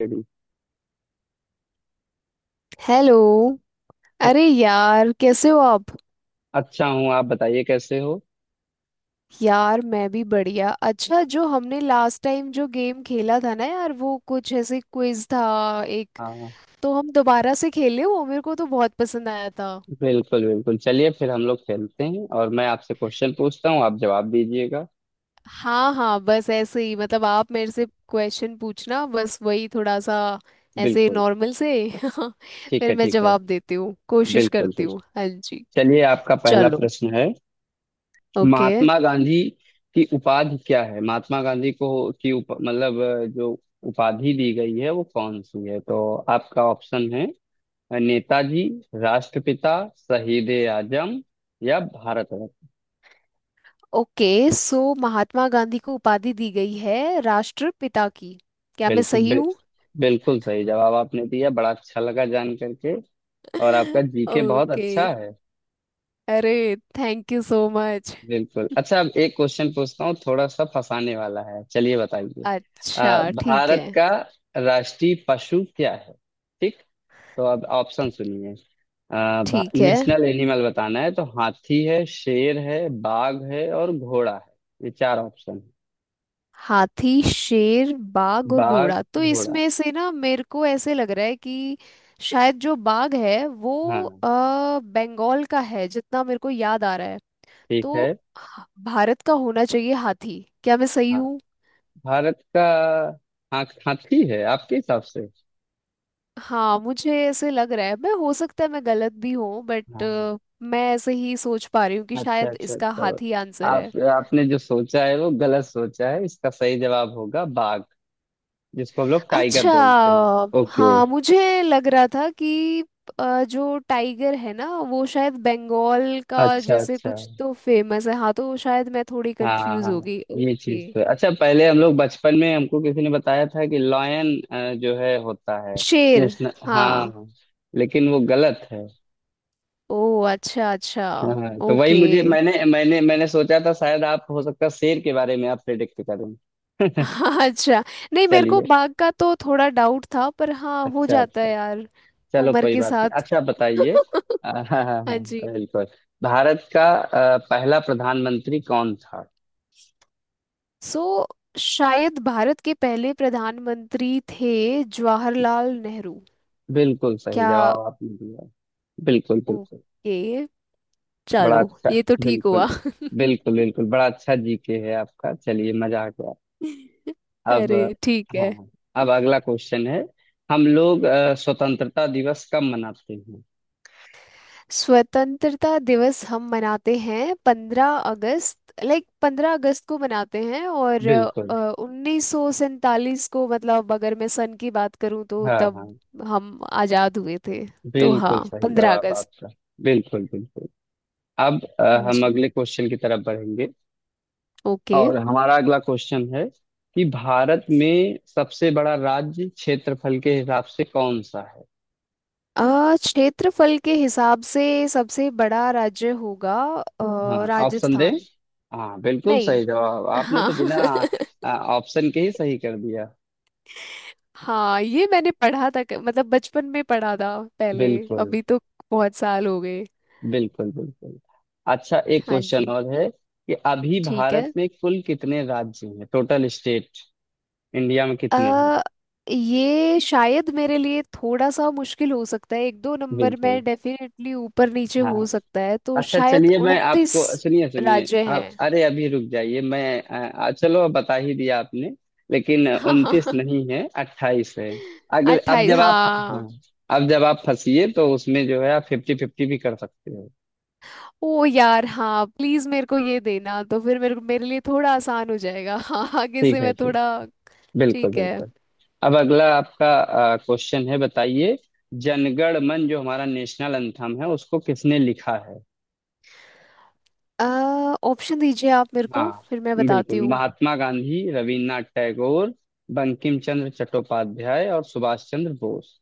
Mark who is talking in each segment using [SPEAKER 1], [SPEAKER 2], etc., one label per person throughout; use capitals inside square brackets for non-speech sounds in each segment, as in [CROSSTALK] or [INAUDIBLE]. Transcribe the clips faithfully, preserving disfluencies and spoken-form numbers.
[SPEAKER 1] Ready.
[SPEAKER 2] Hello. अरे यार, कैसे हो आप?
[SPEAKER 1] अच्छा हूँ, आप बताइए कैसे हो।
[SPEAKER 2] यार मैं भी बढ़िया। अच्छा, जो हमने लास्ट टाइम जो गेम खेला था ना यार, वो कुछ ऐसे क्विज था एक,
[SPEAKER 1] हाँ,
[SPEAKER 2] तो हम दोबारा से खेले। वो मेरे को तो बहुत पसंद आया था।
[SPEAKER 1] बिल्कुल बिल्कुल, चलिए फिर हम लोग खेलते हैं और मैं आपसे क्वेश्चन पूछता हूँ, आप जवाब दीजिएगा।
[SPEAKER 2] हाँ हाँ, बस ऐसे ही मतलब आप मेरे से क्वेश्चन पूछना, बस वही थोड़ा सा ऐसे
[SPEAKER 1] बिल्कुल।
[SPEAKER 2] नॉर्मल से। [LAUGHS]
[SPEAKER 1] ठीक
[SPEAKER 2] फिर
[SPEAKER 1] है,
[SPEAKER 2] मैं
[SPEAKER 1] ठीक है।
[SPEAKER 2] जवाब देती हूँ, कोशिश
[SPEAKER 1] बिल्कुल
[SPEAKER 2] करती
[SPEAKER 1] बिल्कुल।
[SPEAKER 2] हूँ। हाँ जी।
[SPEAKER 1] चलिए, आपका पहला
[SPEAKER 2] चलो।
[SPEAKER 1] प्रश्न है
[SPEAKER 2] ओके।
[SPEAKER 1] महात्मा गांधी की उपाधि क्या है, महात्मा गांधी को की उप, मतलब अ, जो उपाधि दी गई है वो कौन सी है। तो आपका ऑप्शन है अ, नेताजी, राष्ट्रपिता, शहीद ए आजम या भारत।
[SPEAKER 2] ओके, सो महात्मा गांधी को उपाधि दी गई है राष्ट्रपिता की। क्या मैं
[SPEAKER 1] बिल्कुल
[SPEAKER 2] सही
[SPEAKER 1] बिल,
[SPEAKER 2] हूँ?
[SPEAKER 1] बिल्कुल सही जवाब आपने दिया, बड़ा अच्छा लगा जान करके। और आपका
[SPEAKER 2] [LAUGHS]
[SPEAKER 1] जीके बहुत
[SPEAKER 2] ओके।
[SPEAKER 1] अच्छा है।
[SPEAKER 2] अरे, थैंक यू सो मच।
[SPEAKER 1] बिल्कुल। अच्छा, अब एक क्वेश्चन पूछता हूँ, थोड़ा सा फंसाने वाला है, चलिए बताइए।
[SPEAKER 2] अच्छा
[SPEAKER 1] अ,
[SPEAKER 2] ठीक है।
[SPEAKER 1] भारत का राष्ट्रीय पशु क्या है। ठीक। तो अब ऑप्शन सुनिए। अ, भा-
[SPEAKER 2] ठीक है।
[SPEAKER 1] नेशनल एनिमल बताना है, तो हाथी है, शेर है, बाघ है और घोड़ा है। ये चार ऑप्शन है।
[SPEAKER 2] हाथी, शेर, बाघ और
[SPEAKER 1] बाघ,
[SPEAKER 2] घोड़ा। तो
[SPEAKER 1] घोड़ा।
[SPEAKER 2] इसमें से ना मेरे को ऐसे लग रहा है कि शायद जो बाघ है वो
[SPEAKER 1] हाँ।
[SPEAKER 2] अ, बंगाल का है, जितना मेरे को याद आ रहा है।
[SPEAKER 1] ठीक
[SPEAKER 2] तो
[SPEAKER 1] है।
[SPEAKER 2] भारत का होना चाहिए हाथी। क्या मैं सही?
[SPEAKER 1] हाँ, भारत का। हाँ, हाथी है आपके हिसाब से।
[SPEAKER 2] हाँ मुझे ऐसे लग रहा है। मैं, हो सकता है मैं गलत भी हूँ, बट
[SPEAKER 1] हाँ।
[SPEAKER 2] मैं ऐसे ही सोच पा रही हूँ कि
[SPEAKER 1] अच्छा
[SPEAKER 2] शायद
[SPEAKER 1] अच्छा,
[SPEAKER 2] इसका
[SPEAKER 1] तो
[SPEAKER 2] हाथ ही आंसर
[SPEAKER 1] आप
[SPEAKER 2] है।
[SPEAKER 1] आपने जो सोचा है वो गलत सोचा है। इसका सही जवाब होगा बाघ, जिसको हम लोग टाइगर
[SPEAKER 2] अच्छा,
[SPEAKER 1] बोलते हैं। ओके।
[SPEAKER 2] हाँ मुझे लग रहा था कि अ, जो टाइगर है ना वो शायद बंगाल का
[SPEAKER 1] अच्छा
[SPEAKER 2] जैसे
[SPEAKER 1] अच्छा।
[SPEAKER 2] कुछ तो फेमस है। हाँ तो शायद मैं थोड़ी
[SPEAKER 1] हाँ हाँ
[SPEAKER 2] कंफ्यूज हो
[SPEAKER 1] हाँ,
[SPEAKER 2] गई।
[SPEAKER 1] ये
[SPEAKER 2] ओके।
[SPEAKER 1] चीज तो है। अच्छा, पहले हम लोग बचपन में हमको किसी ने बताया था कि लॉयन जो है होता है
[SPEAKER 2] शेर।
[SPEAKER 1] नेशनल, हाँ
[SPEAKER 2] हाँ।
[SPEAKER 1] हाँ, लेकिन वो गलत है।
[SPEAKER 2] ओ अच्छा अच्छा।
[SPEAKER 1] हाँ हाँ। तो
[SPEAKER 2] ओके।
[SPEAKER 1] वही मुझे मैंने मैंने मैंने सोचा था शायद आप, हो सकता है, शेर के बारे में आप प्रेडिक्ट
[SPEAKER 2] [LAUGHS]
[SPEAKER 1] करें। [LAUGHS]
[SPEAKER 2] हाँ, अच्छा। नहीं, मेरे को
[SPEAKER 1] चलिए।
[SPEAKER 2] बाघ का तो थोड़ा डाउट था, पर हाँ, हो
[SPEAKER 1] अच्छा
[SPEAKER 2] जाता
[SPEAKER 1] अच्छा।
[SPEAKER 2] है यार
[SPEAKER 1] चलो
[SPEAKER 2] उम्र
[SPEAKER 1] कोई
[SPEAKER 2] के
[SPEAKER 1] बात नहीं,
[SPEAKER 2] साथ।
[SPEAKER 1] अच्छा
[SPEAKER 2] [LAUGHS]
[SPEAKER 1] बताइए। अ, हाँ हाँ
[SPEAKER 2] हाँ
[SPEAKER 1] हाँ।
[SPEAKER 2] जी।
[SPEAKER 1] बिल्कुल। भारत का अ, पहला प्रधानमंत्री कौन था।
[SPEAKER 2] सो शायद भारत के पहले प्रधानमंत्री थे जवाहरलाल नेहरू।
[SPEAKER 1] बिल्कुल सही
[SPEAKER 2] क्या?
[SPEAKER 1] जवाब आपने दिया। बिल्कुल बिल्कुल।
[SPEAKER 2] ओके,
[SPEAKER 1] बड़ा
[SPEAKER 2] चलो,
[SPEAKER 1] अच्छा।
[SPEAKER 2] ये तो ठीक
[SPEAKER 1] बिल्कुल
[SPEAKER 2] हुआ। [LAUGHS]
[SPEAKER 1] बिल्कुल बिल्कुल। बड़ा अच्छा जीके है आपका, चलिए मजा आ गया। अब,
[SPEAKER 2] अरे, ठीक है।
[SPEAKER 1] हाँ, अब अगला क्वेश्चन है। हम लोग अ, स्वतंत्रता दिवस कब मनाते हैं।
[SPEAKER 2] स्वतंत्रता दिवस हम मनाते हैं पंद्रह अगस्त, लाइक पंद्रह अगस्त को मनाते हैं। और
[SPEAKER 1] बिल्कुल।
[SPEAKER 2] उन्नीस सौ सैंतालीस को, मतलब अगर मैं सन की बात करूं तो
[SPEAKER 1] हाँ
[SPEAKER 2] तब
[SPEAKER 1] हाँ,
[SPEAKER 2] हम आजाद हुए थे। तो हाँ,
[SPEAKER 1] बिल्कुल सही
[SPEAKER 2] पंद्रह
[SPEAKER 1] जवाब
[SPEAKER 2] अगस्त
[SPEAKER 1] आपका। बिल्कुल बिल्कुल। अब अ, हम
[SPEAKER 2] जी।
[SPEAKER 1] अगले क्वेश्चन की तरफ बढ़ेंगे।
[SPEAKER 2] ओके।
[SPEAKER 1] और हमारा अगला क्वेश्चन है कि भारत में सबसे बड़ा राज्य क्षेत्रफल के हिसाब से कौन सा है।
[SPEAKER 2] आ, क्षेत्रफल के हिसाब से सबसे बड़ा राज्य होगा अ,
[SPEAKER 1] हाँ, ऑप्शन दें।
[SPEAKER 2] राजस्थान।
[SPEAKER 1] हाँ, बिल्कुल
[SPEAKER 2] नहीं,
[SPEAKER 1] सही जवाब आपने
[SPEAKER 2] हाँ।
[SPEAKER 1] तो
[SPEAKER 2] [LAUGHS]
[SPEAKER 1] बिना अ, ऑप्शन के ही सही कर दिया।
[SPEAKER 2] हाँ, ये मैंने पढ़ा था, क- मतलब बचपन में पढ़ा था पहले।
[SPEAKER 1] बिल्कुल
[SPEAKER 2] अभी तो बहुत साल हो गए।
[SPEAKER 1] बिल्कुल। बिल्कुल। अच्छा, एक
[SPEAKER 2] हाँ
[SPEAKER 1] क्वेश्चन
[SPEAKER 2] जी,
[SPEAKER 1] और है कि अभी
[SPEAKER 2] ठीक
[SPEAKER 1] भारत
[SPEAKER 2] है।
[SPEAKER 1] में कुल कितने राज्य हैं, टोटल स्टेट इंडिया में कितने हैं।
[SPEAKER 2] अ ये शायद मेरे लिए थोड़ा सा मुश्किल हो सकता है। एक दो नंबर
[SPEAKER 1] बिल्कुल।
[SPEAKER 2] में डेफिनेटली ऊपर नीचे हो
[SPEAKER 1] हाँ।
[SPEAKER 2] सकता है, तो
[SPEAKER 1] अच्छा
[SPEAKER 2] शायद
[SPEAKER 1] चलिए, मैं
[SPEAKER 2] उनतीस
[SPEAKER 1] आपको सुनिए सुनिए
[SPEAKER 2] राज्य हैं।
[SPEAKER 1] आप, अरे अभी रुक जाइए मैं आ, चलो अब बता ही दिया आपने। लेकिन
[SPEAKER 2] [LAUGHS]
[SPEAKER 1] उनतीस
[SPEAKER 2] हाँ,
[SPEAKER 1] नहीं है, अट्ठाईस है। अगले, अब
[SPEAKER 2] अट्ठाईस,
[SPEAKER 1] जब
[SPEAKER 2] हाँ।
[SPEAKER 1] आप, हाँ, अब जब आप फंसिए तो उसमें जो है आप फिफ्टी फिफ्टी भी कर सकते हो।
[SPEAKER 2] ओ यार, हाँ प्लीज मेरे को ये देना, तो फिर मेरे मेरे लिए थोड़ा आसान हो जाएगा। [LAUGHS] हाँ आगे
[SPEAKER 1] ठीक
[SPEAKER 2] से
[SPEAKER 1] है,
[SPEAKER 2] मैं
[SPEAKER 1] ठीक।
[SPEAKER 2] थोड़ा
[SPEAKER 1] बिल्कुल
[SPEAKER 2] ठीक है।
[SPEAKER 1] बिल्कुल। अब अगला आपका क्वेश्चन है, बताइए, जनगण मन जो हमारा नेशनल एंथम है उसको किसने लिखा है।
[SPEAKER 2] अ ऑप्शन दीजिए आप मेरे को,
[SPEAKER 1] हाँ,
[SPEAKER 2] फिर मैं बताती
[SPEAKER 1] बिल्कुल।
[SPEAKER 2] हूँ।
[SPEAKER 1] महात्मा गांधी, रविन्द्रनाथ टैगोर, बंकिम चंद्र चट्टोपाध्याय और सुभाष चंद्र बोस।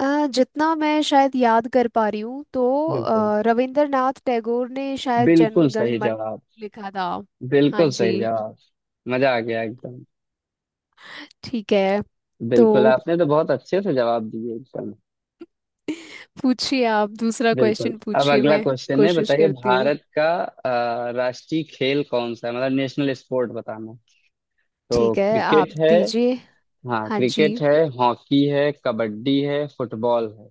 [SPEAKER 2] अ, जितना मैं शायद याद कर पा रही हूँ तो
[SPEAKER 1] बिल्कुल,
[SPEAKER 2] अ, रविंद्रनाथ टैगोर ने शायद
[SPEAKER 1] बिल्कुल
[SPEAKER 2] जनगण
[SPEAKER 1] सही
[SPEAKER 2] मन
[SPEAKER 1] जवाब।
[SPEAKER 2] लिखा था। हाँ
[SPEAKER 1] बिल्कुल
[SPEAKER 2] जी।
[SPEAKER 1] सही जवाब। मजा आ गया एकदम।
[SPEAKER 2] ठीक है तो
[SPEAKER 1] बिल्कुल, आपने तो बहुत अच्छे से जवाब दिए एकदम।
[SPEAKER 2] पूछिए, आप दूसरा
[SPEAKER 1] बिल्कुल।
[SPEAKER 2] क्वेश्चन
[SPEAKER 1] अब
[SPEAKER 2] पूछिए,
[SPEAKER 1] अगला
[SPEAKER 2] मैं
[SPEAKER 1] क्वेश्चन है,
[SPEAKER 2] कोशिश
[SPEAKER 1] बताइए,
[SPEAKER 2] करती हूँ।
[SPEAKER 1] भारत का अ, राष्ट्रीय खेल कौन सा है, मतलब नेशनल स्पोर्ट बताना। तो
[SPEAKER 2] ठीक है, आप
[SPEAKER 1] क्रिकेट है,
[SPEAKER 2] दीजिए।
[SPEAKER 1] हाँ
[SPEAKER 2] हाँ जी।
[SPEAKER 1] क्रिकेट है, हॉकी है, कबड्डी है, फुटबॉल है।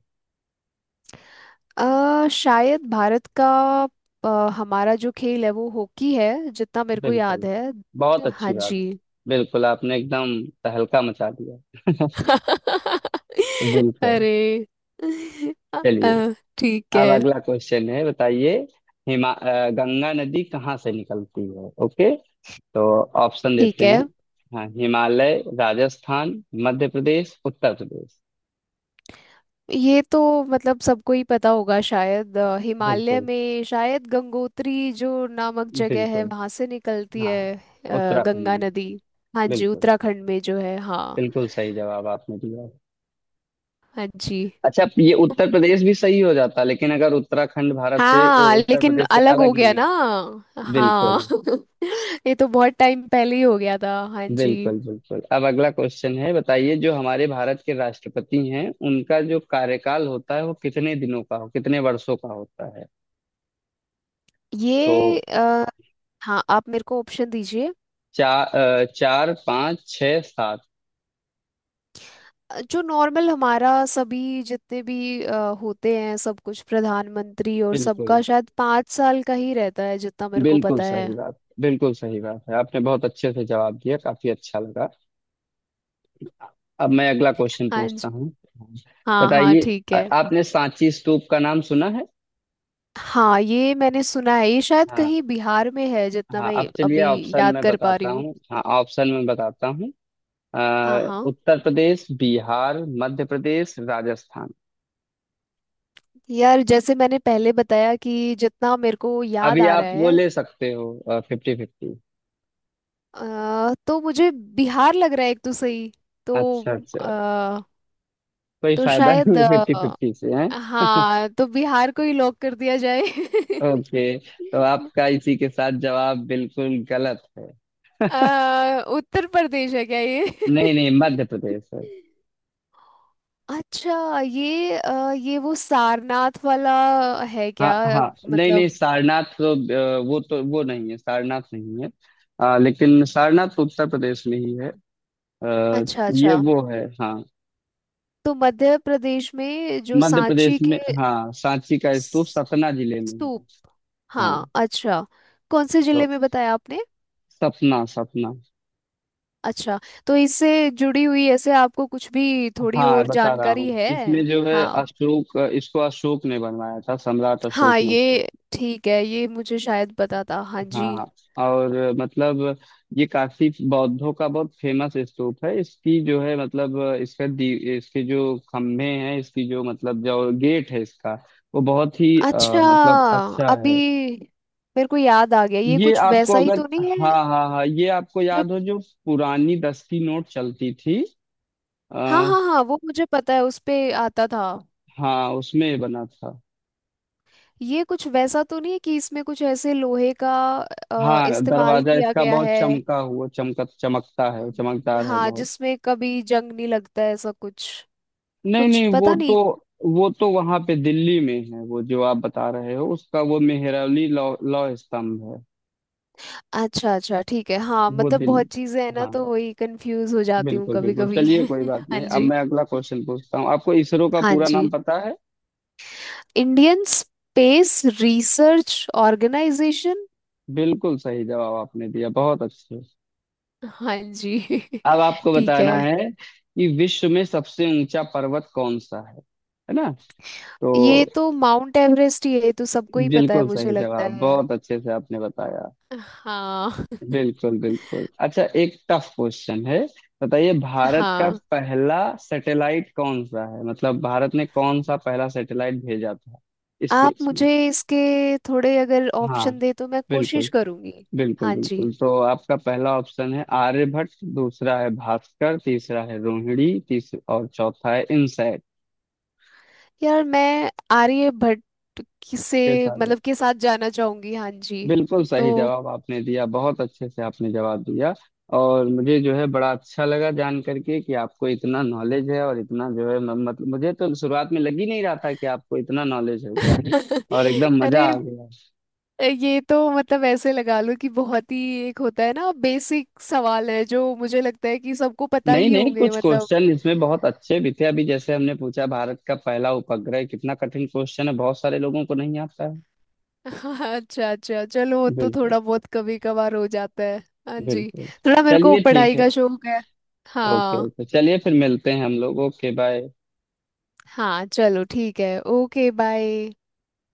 [SPEAKER 2] अ, शायद भारत का अ, हमारा जो खेल है वो हॉकी है, जितना मेरे को याद
[SPEAKER 1] बिल्कुल।
[SPEAKER 2] है।
[SPEAKER 1] बहुत
[SPEAKER 2] हाँ
[SPEAKER 1] अच्छी बात।
[SPEAKER 2] जी।
[SPEAKER 1] बिल्कुल, आपने एकदम तहलका मचा दिया।
[SPEAKER 2] [LAUGHS]
[SPEAKER 1] बिल्कुल।
[SPEAKER 2] अरे,
[SPEAKER 1] चलिए,
[SPEAKER 2] अ, ठीक है।
[SPEAKER 1] अब अगला क्वेश्चन है, बताइए। हिमा अ, गंगा नदी कहाँ से निकलती है, ओके। तो ऑप्शन
[SPEAKER 2] ठीक
[SPEAKER 1] देते
[SPEAKER 2] है,
[SPEAKER 1] हैं। हाँ, हिमालय, राजस्थान, मध्य प्रदेश, उत्तर प्रदेश।
[SPEAKER 2] ये तो मतलब सबको ही पता होगा। शायद अ, हिमालय
[SPEAKER 1] बिल्कुल
[SPEAKER 2] में शायद गंगोत्री जो नामक जगह है
[SPEAKER 1] बिल्कुल।
[SPEAKER 2] वहां से निकलती
[SPEAKER 1] हाँ,
[SPEAKER 2] है, अ,
[SPEAKER 1] उत्तराखंड
[SPEAKER 2] गंगा
[SPEAKER 1] में।
[SPEAKER 2] नदी। हाँ जी,
[SPEAKER 1] बिल्कुल,
[SPEAKER 2] उत्तराखंड में जो है, हाँ।
[SPEAKER 1] बिल्कुल सही जवाब आपने दिया है।
[SPEAKER 2] हाँ जी।
[SPEAKER 1] अच्छा, ये उत्तर प्रदेश भी सही हो जाता लेकिन अगर उत्तराखंड भारत से,
[SPEAKER 2] हाँ
[SPEAKER 1] उत्तर
[SPEAKER 2] लेकिन
[SPEAKER 1] प्रदेश से
[SPEAKER 2] अलग हो
[SPEAKER 1] अलग
[SPEAKER 2] गया
[SPEAKER 1] नहीं
[SPEAKER 2] ना।
[SPEAKER 1] होता।
[SPEAKER 2] हाँ।
[SPEAKER 1] बिल्कुल
[SPEAKER 2] [LAUGHS] ये तो बहुत टाइम पहले ही हो गया था। हाँ जी।
[SPEAKER 1] बिल्कुल। बिल्कुल अब अगला क्वेश्चन है, बताइए, जो हमारे भारत के राष्ट्रपति हैं उनका जो कार्यकाल होता है वो कितने दिनों का हो, कितने वर्षों का होता है। तो
[SPEAKER 2] ये अ, हाँ, आप मेरे को ऑप्शन दीजिए।
[SPEAKER 1] चार चार पाँच, छः, सात।
[SPEAKER 2] जो नॉर्मल हमारा सभी, जितने भी अ, होते हैं सब कुछ प्रधानमंत्री, और
[SPEAKER 1] बिल्कुल,
[SPEAKER 2] सबका शायद पाँच साल का ही रहता है, जितना मेरे को
[SPEAKER 1] बिल्कुल
[SPEAKER 2] पता है।
[SPEAKER 1] सही बात, बिल्कुल सही बात है, आपने बहुत अच्छे से जवाब दिया, काफी अच्छा लगा। अब मैं अगला क्वेश्चन
[SPEAKER 2] हाँ
[SPEAKER 1] पूछता
[SPEAKER 2] जी।
[SPEAKER 1] हूँ,
[SPEAKER 2] हाँ हाँ
[SPEAKER 1] बताइए।
[SPEAKER 2] ठीक
[SPEAKER 1] आ-
[SPEAKER 2] है।
[SPEAKER 1] आपने सांची स्तूप का नाम सुना है।
[SPEAKER 2] हाँ, ये मैंने सुना है। ये शायद
[SPEAKER 1] हाँ
[SPEAKER 2] कहीं बिहार में है, जितना
[SPEAKER 1] हाँ,
[SPEAKER 2] मैं
[SPEAKER 1] अब चलिए
[SPEAKER 2] अभी
[SPEAKER 1] ऑप्शन
[SPEAKER 2] याद
[SPEAKER 1] में
[SPEAKER 2] कर पा रही
[SPEAKER 1] बताता
[SPEAKER 2] हूँ।
[SPEAKER 1] हूँ, हाँ ऑप्शन में बताता हूँ।
[SPEAKER 2] हाँ
[SPEAKER 1] अ,
[SPEAKER 2] हाँ।
[SPEAKER 1] उत्तर प्रदेश, बिहार, मध्य प्रदेश, राजस्थान।
[SPEAKER 2] यार जैसे मैंने पहले बताया कि जितना मेरे को याद
[SPEAKER 1] अभी
[SPEAKER 2] आ रहा
[SPEAKER 1] आप वो
[SPEAKER 2] है,
[SPEAKER 1] ले सकते हो, फिफ्टी फिफ्टी।
[SPEAKER 2] अ, तो मुझे बिहार लग रहा है एक तो सही। तो
[SPEAKER 1] अच्छा अच्छा।
[SPEAKER 2] अ,
[SPEAKER 1] कोई
[SPEAKER 2] तो
[SPEAKER 1] फायदा नहीं
[SPEAKER 2] शायद,
[SPEAKER 1] है फिफ्टी फिफ्टी से है।
[SPEAKER 2] हाँ तो बिहार को ही लॉक कर दिया जाए। [LAUGHS]
[SPEAKER 1] ओके, तो आपका इसी के साथ जवाब बिल्कुल गलत है।
[SPEAKER 2] अ, उत्तर प्रदेश है क्या ये?
[SPEAKER 1] नहीं
[SPEAKER 2] [LAUGHS]
[SPEAKER 1] नहीं, मध्य प्रदेश है।
[SPEAKER 2] अच्छा, ये अ, ये वो सारनाथ वाला है
[SPEAKER 1] हाँ
[SPEAKER 2] क्या? अ,
[SPEAKER 1] हाँ, नहीं नहीं,
[SPEAKER 2] मतलब
[SPEAKER 1] सारनाथ तो अ, वो तो वो नहीं है, सारनाथ नहीं है। अ, लेकिन सारनाथ तो उत्तर प्रदेश में ही है। अ,
[SPEAKER 2] अच्छा
[SPEAKER 1] ये
[SPEAKER 2] अच्छा,
[SPEAKER 1] वो है हाँ।
[SPEAKER 2] तो मध्य प्रदेश में जो
[SPEAKER 1] मध्य प्रदेश
[SPEAKER 2] सांची
[SPEAKER 1] में,
[SPEAKER 2] के
[SPEAKER 1] हाँ, सांची का स्तूप
[SPEAKER 2] स-
[SPEAKER 1] सतना जिले में
[SPEAKER 2] स्तूप।
[SPEAKER 1] है। हाँ।
[SPEAKER 2] हाँ, अच्छा, कौन से
[SPEAKER 1] तो
[SPEAKER 2] जिले में बताया आपने?
[SPEAKER 1] सपना सपना।
[SPEAKER 2] अच्छा, तो इससे जुड़ी हुई ऐसे आपको कुछ भी थोड़ी
[SPEAKER 1] हाँ
[SPEAKER 2] और
[SPEAKER 1] बता रहा हूँ,
[SPEAKER 2] जानकारी है?
[SPEAKER 1] इसमें जो है
[SPEAKER 2] हाँ
[SPEAKER 1] अशोक, इसको अशोक ने बनवाया था, सम्राट अशोक
[SPEAKER 2] हाँ,
[SPEAKER 1] ने इसको।
[SPEAKER 2] ये ठीक है, ये मुझे शायद पता था। हाँ
[SPEAKER 1] हाँ
[SPEAKER 2] जी।
[SPEAKER 1] हाँ और मतलब ये काफी बौद्धों का बहुत फेमस स्तूप है। इसकी जो है, मतलब इसका दी, इसके जो खम्भे हैं, इसकी जो मतलब जो गेट है इसका, वो बहुत ही अ,
[SPEAKER 2] अच्छा,
[SPEAKER 1] मतलब अच्छा है।
[SPEAKER 2] अभी मेरे को याद आ गया, ये
[SPEAKER 1] ये
[SPEAKER 2] कुछ
[SPEAKER 1] आपको
[SPEAKER 2] वैसा ही
[SPEAKER 1] अगर,
[SPEAKER 2] तो नहीं
[SPEAKER 1] हाँ
[SPEAKER 2] है
[SPEAKER 1] हाँ हाँ, ये आपको
[SPEAKER 2] जो,
[SPEAKER 1] याद हो जो पुरानी दस की नोट चलती थी।
[SPEAKER 2] हाँ
[SPEAKER 1] आ,
[SPEAKER 2] हाँ हाँ, वो मुझे पता है उस पे आता था।
[SPEAKER 1] हाँ उसमें बना था।
[SPEAKER 2] ये कुछ वैसा तो नहीं है कि इसमें कुछ ऐसे लोहे का अ,
[SPEAKER 1] हाँ,
[SPEAKER 2] इस्तेमाल
[SPEAKER 1] दरवाजा
[SPEAKER 2] किया
[SPEAKER 1] इसका
[SPEAKER 2] गया
[SPEAKER 1] बहुत
[SPEAKER 2] है?
[SPEAKER 1] चमका हुआ, चमका चमकता है,
[SPEAKER 2] ज-
[SPEAKER 1] चमकदार है
[SPEAKER 2] हाँ,
[SPEAKER 1] बहुत।
[SPEAKER 2] जिसमें कभी जंग नहीं लगता है, ऐसा कुछ,
[SPEAKER 1] नहीं
[SPEAKER 2] कुछ
[SPEAKER 1] नहीं, वो
[SPEAKER 2] पता
[SPEAKER 1] तो
[SPEAKER 2] नहीं।
[SPEAKER 1] वो तो वहां पे दिल्ली में है, वो जो आप बता रहे हो उसका वो मेहरौली लौ लौ स्तंभ है।
[SPEAKER 2] अच्छा अच्छा ठीक है। हाँ
[SPEAKER 1] वो
[SPEAKER 2] मतलब
[SPEAKER 1] दिल्ली।
[SPEAKER 2] बहुत चीजें हैं ना,
[SPEAKER 1] हाँ।
[SPEAKER 2] तो वही कंफ्यूज हो जाती हूँ
[SPEAKER 1] बिल्कुल
[SPEAKER 2] कभी
[SPEAKER 1] बिल्कुल,
[SPEAKER 2] कभी।
[SPEAKER 1] चलिए
[SPEAKER 2] [LAUGHS]
[SPEAKER 1] कोई बात
[SPEAKER 2] हाँ
[SPEAKER 1] नहीं, अब
[SPEAKER 2] जी।
[SPEAKER 1] मैं अगला क्वेश्चन पूछता हूँ, आपको इसरो का
[SPEAKER 2] हाँ
[SPEAKER 1] पूरा नाम
[SPEAKER 2] जी,
[SPEAKER 1] पता है।
[SPEAKER 2] Indian space research organisation.
[SPEAKER 1] बिल्कुल सही जवाब आपने दिया, बहुत अच्छे।
[SPEAKER 2] हाँ जी। [LAUGHS]
[SPEAKER 1] अब आपको
[SPEAKER 2] ठीक
[SPEAKER 1] बताना
[SPEAKER 2] है।
[SPEAKER 1] है कि विश्व में सबसे ऊंचा पर्वत कौन सा है है ना। तो
[SPEAKER 2] ये तो माउंट एवरेस्ट ही है, ये तो सबको ही पता है,
[SPEAKER 1] बिल्कुल
[SPEAKER 2] मुझे
[SPEAKER 1] सही
[SPEAKER 2] लगता
[SPEAKER 1] जवाब,
[SPEAKER 2] है।
[SPEAKER 1] बहुत अच्छे से आपने बताया।
[SPEAKER 2] हाँ।
[SPEAKER 1] बिल्कुल
[SPEAKER 2] [LAUGHS]
[SPEAKER 1] बिल्कुल। अच्छा, एक टफ क्वेश्चन है, बताइए, भारत का
[SPEAKER 2] हाँ
[SPEAKER 1] पहला सैटेलाइट कौन सा है, मतलब भारत ने कौन सा पहला सैटेलाइट भेजा था
[SPEAKER 2] आप
[SPEAKER 1] स्पेस में।
[SPEAKER 2] मुझे इसके थोड़े अगर
[SPEAKER 1] हाँ,
[SPEAKER 2] ऑप्शन दे तो मैं
[SPEAKER 1] बिल्कुल,
[SPEAKER 2] कोशिश करूंगी।
[SPEAKER 1] बिल्कुल
[SPEAKER 2] हाँ जी।
[SPEAKER 1] बिल्कुल, तो आपका पहला ऑप्शन है आर्यभट्ट, दूसरा है भास्कर, तीसरा है रोहिणी तीसरा, और चौथा है इनसैट।
[SPEAKER 2] यार मैं आर्यभट्ट, किसे मतलब, के साथ जाना चाहूंगी। हाँ जी
[SPEAKER 1] बिल्कुल
[SPEAKER 2] तो।
[SPEAKER 1] सही जवाब आपने दिया, बहुत अच्छे से आपने जवाब दिया। और मुझे जो है बड़ा अच्छा लगा जान करके कि आपको इतना नॉलेज है, और इतना जो है म- मतलब मुझे तो शुरुआत में लग ही नहीं रहा था कि आपको इतना नॉलेज होगा। और
[SPEAKER 2] [LAUGHS]
[SPEAKER 1] एकदम मजा
[SPEAKER 2] अरे,
[SPEAKER 1] आ गया।
[SPEAKER 2] ये तो मतलब ऐसे लगा लो कि बहुत ही एक होता है ना, बेसिक सवाल है, जो मुझे लगता है कि सबको पता
[SPEAKER 1] नहीं
[SPEAKER 2] ही
[SPEAKER 1] नहीं,
[SPEAKER 2] होंगे
[SPEAKER 1] कुछ
[SPEAKER 2] मतलब।
[SPEAKER 1] क्वेश्चन इसमें बहुत अच्छे भी थे, अभी जैसे हमने पूछा भारत का पहला उपग्रह, कितना कठिन क्वेश्चन है, बहुत सारे लोगों को नहीं आता है।
[SPEAKER 2] [LAUGHS] अच्छा अच्छा, चलो वो तो
[SPEAKER 1] बिल्कुल
[SPEAKER 2] थोड़ा बहुत कभी कभार हो जाता है। हाँ जी।
[SPEAKER 1] बिल्कुल।
[SPEAKER 2] थोड़ा मेरे को
[SPEAKER 1] चलिए ठीक
[SPEAKER 2] पढ़ाई
[SPEAKER 1] है,
[SPEAKER 2] का शौक है।
[SPEAKER 1] ओके
[SPEAKER 2] हाँ।
[SPEAKER 1] ओके, चलिए फिर मिलते हैं हम लोग, ओके बाय।
[SPEAKER 2] हाँ चलो ठीक है, ओके बाय।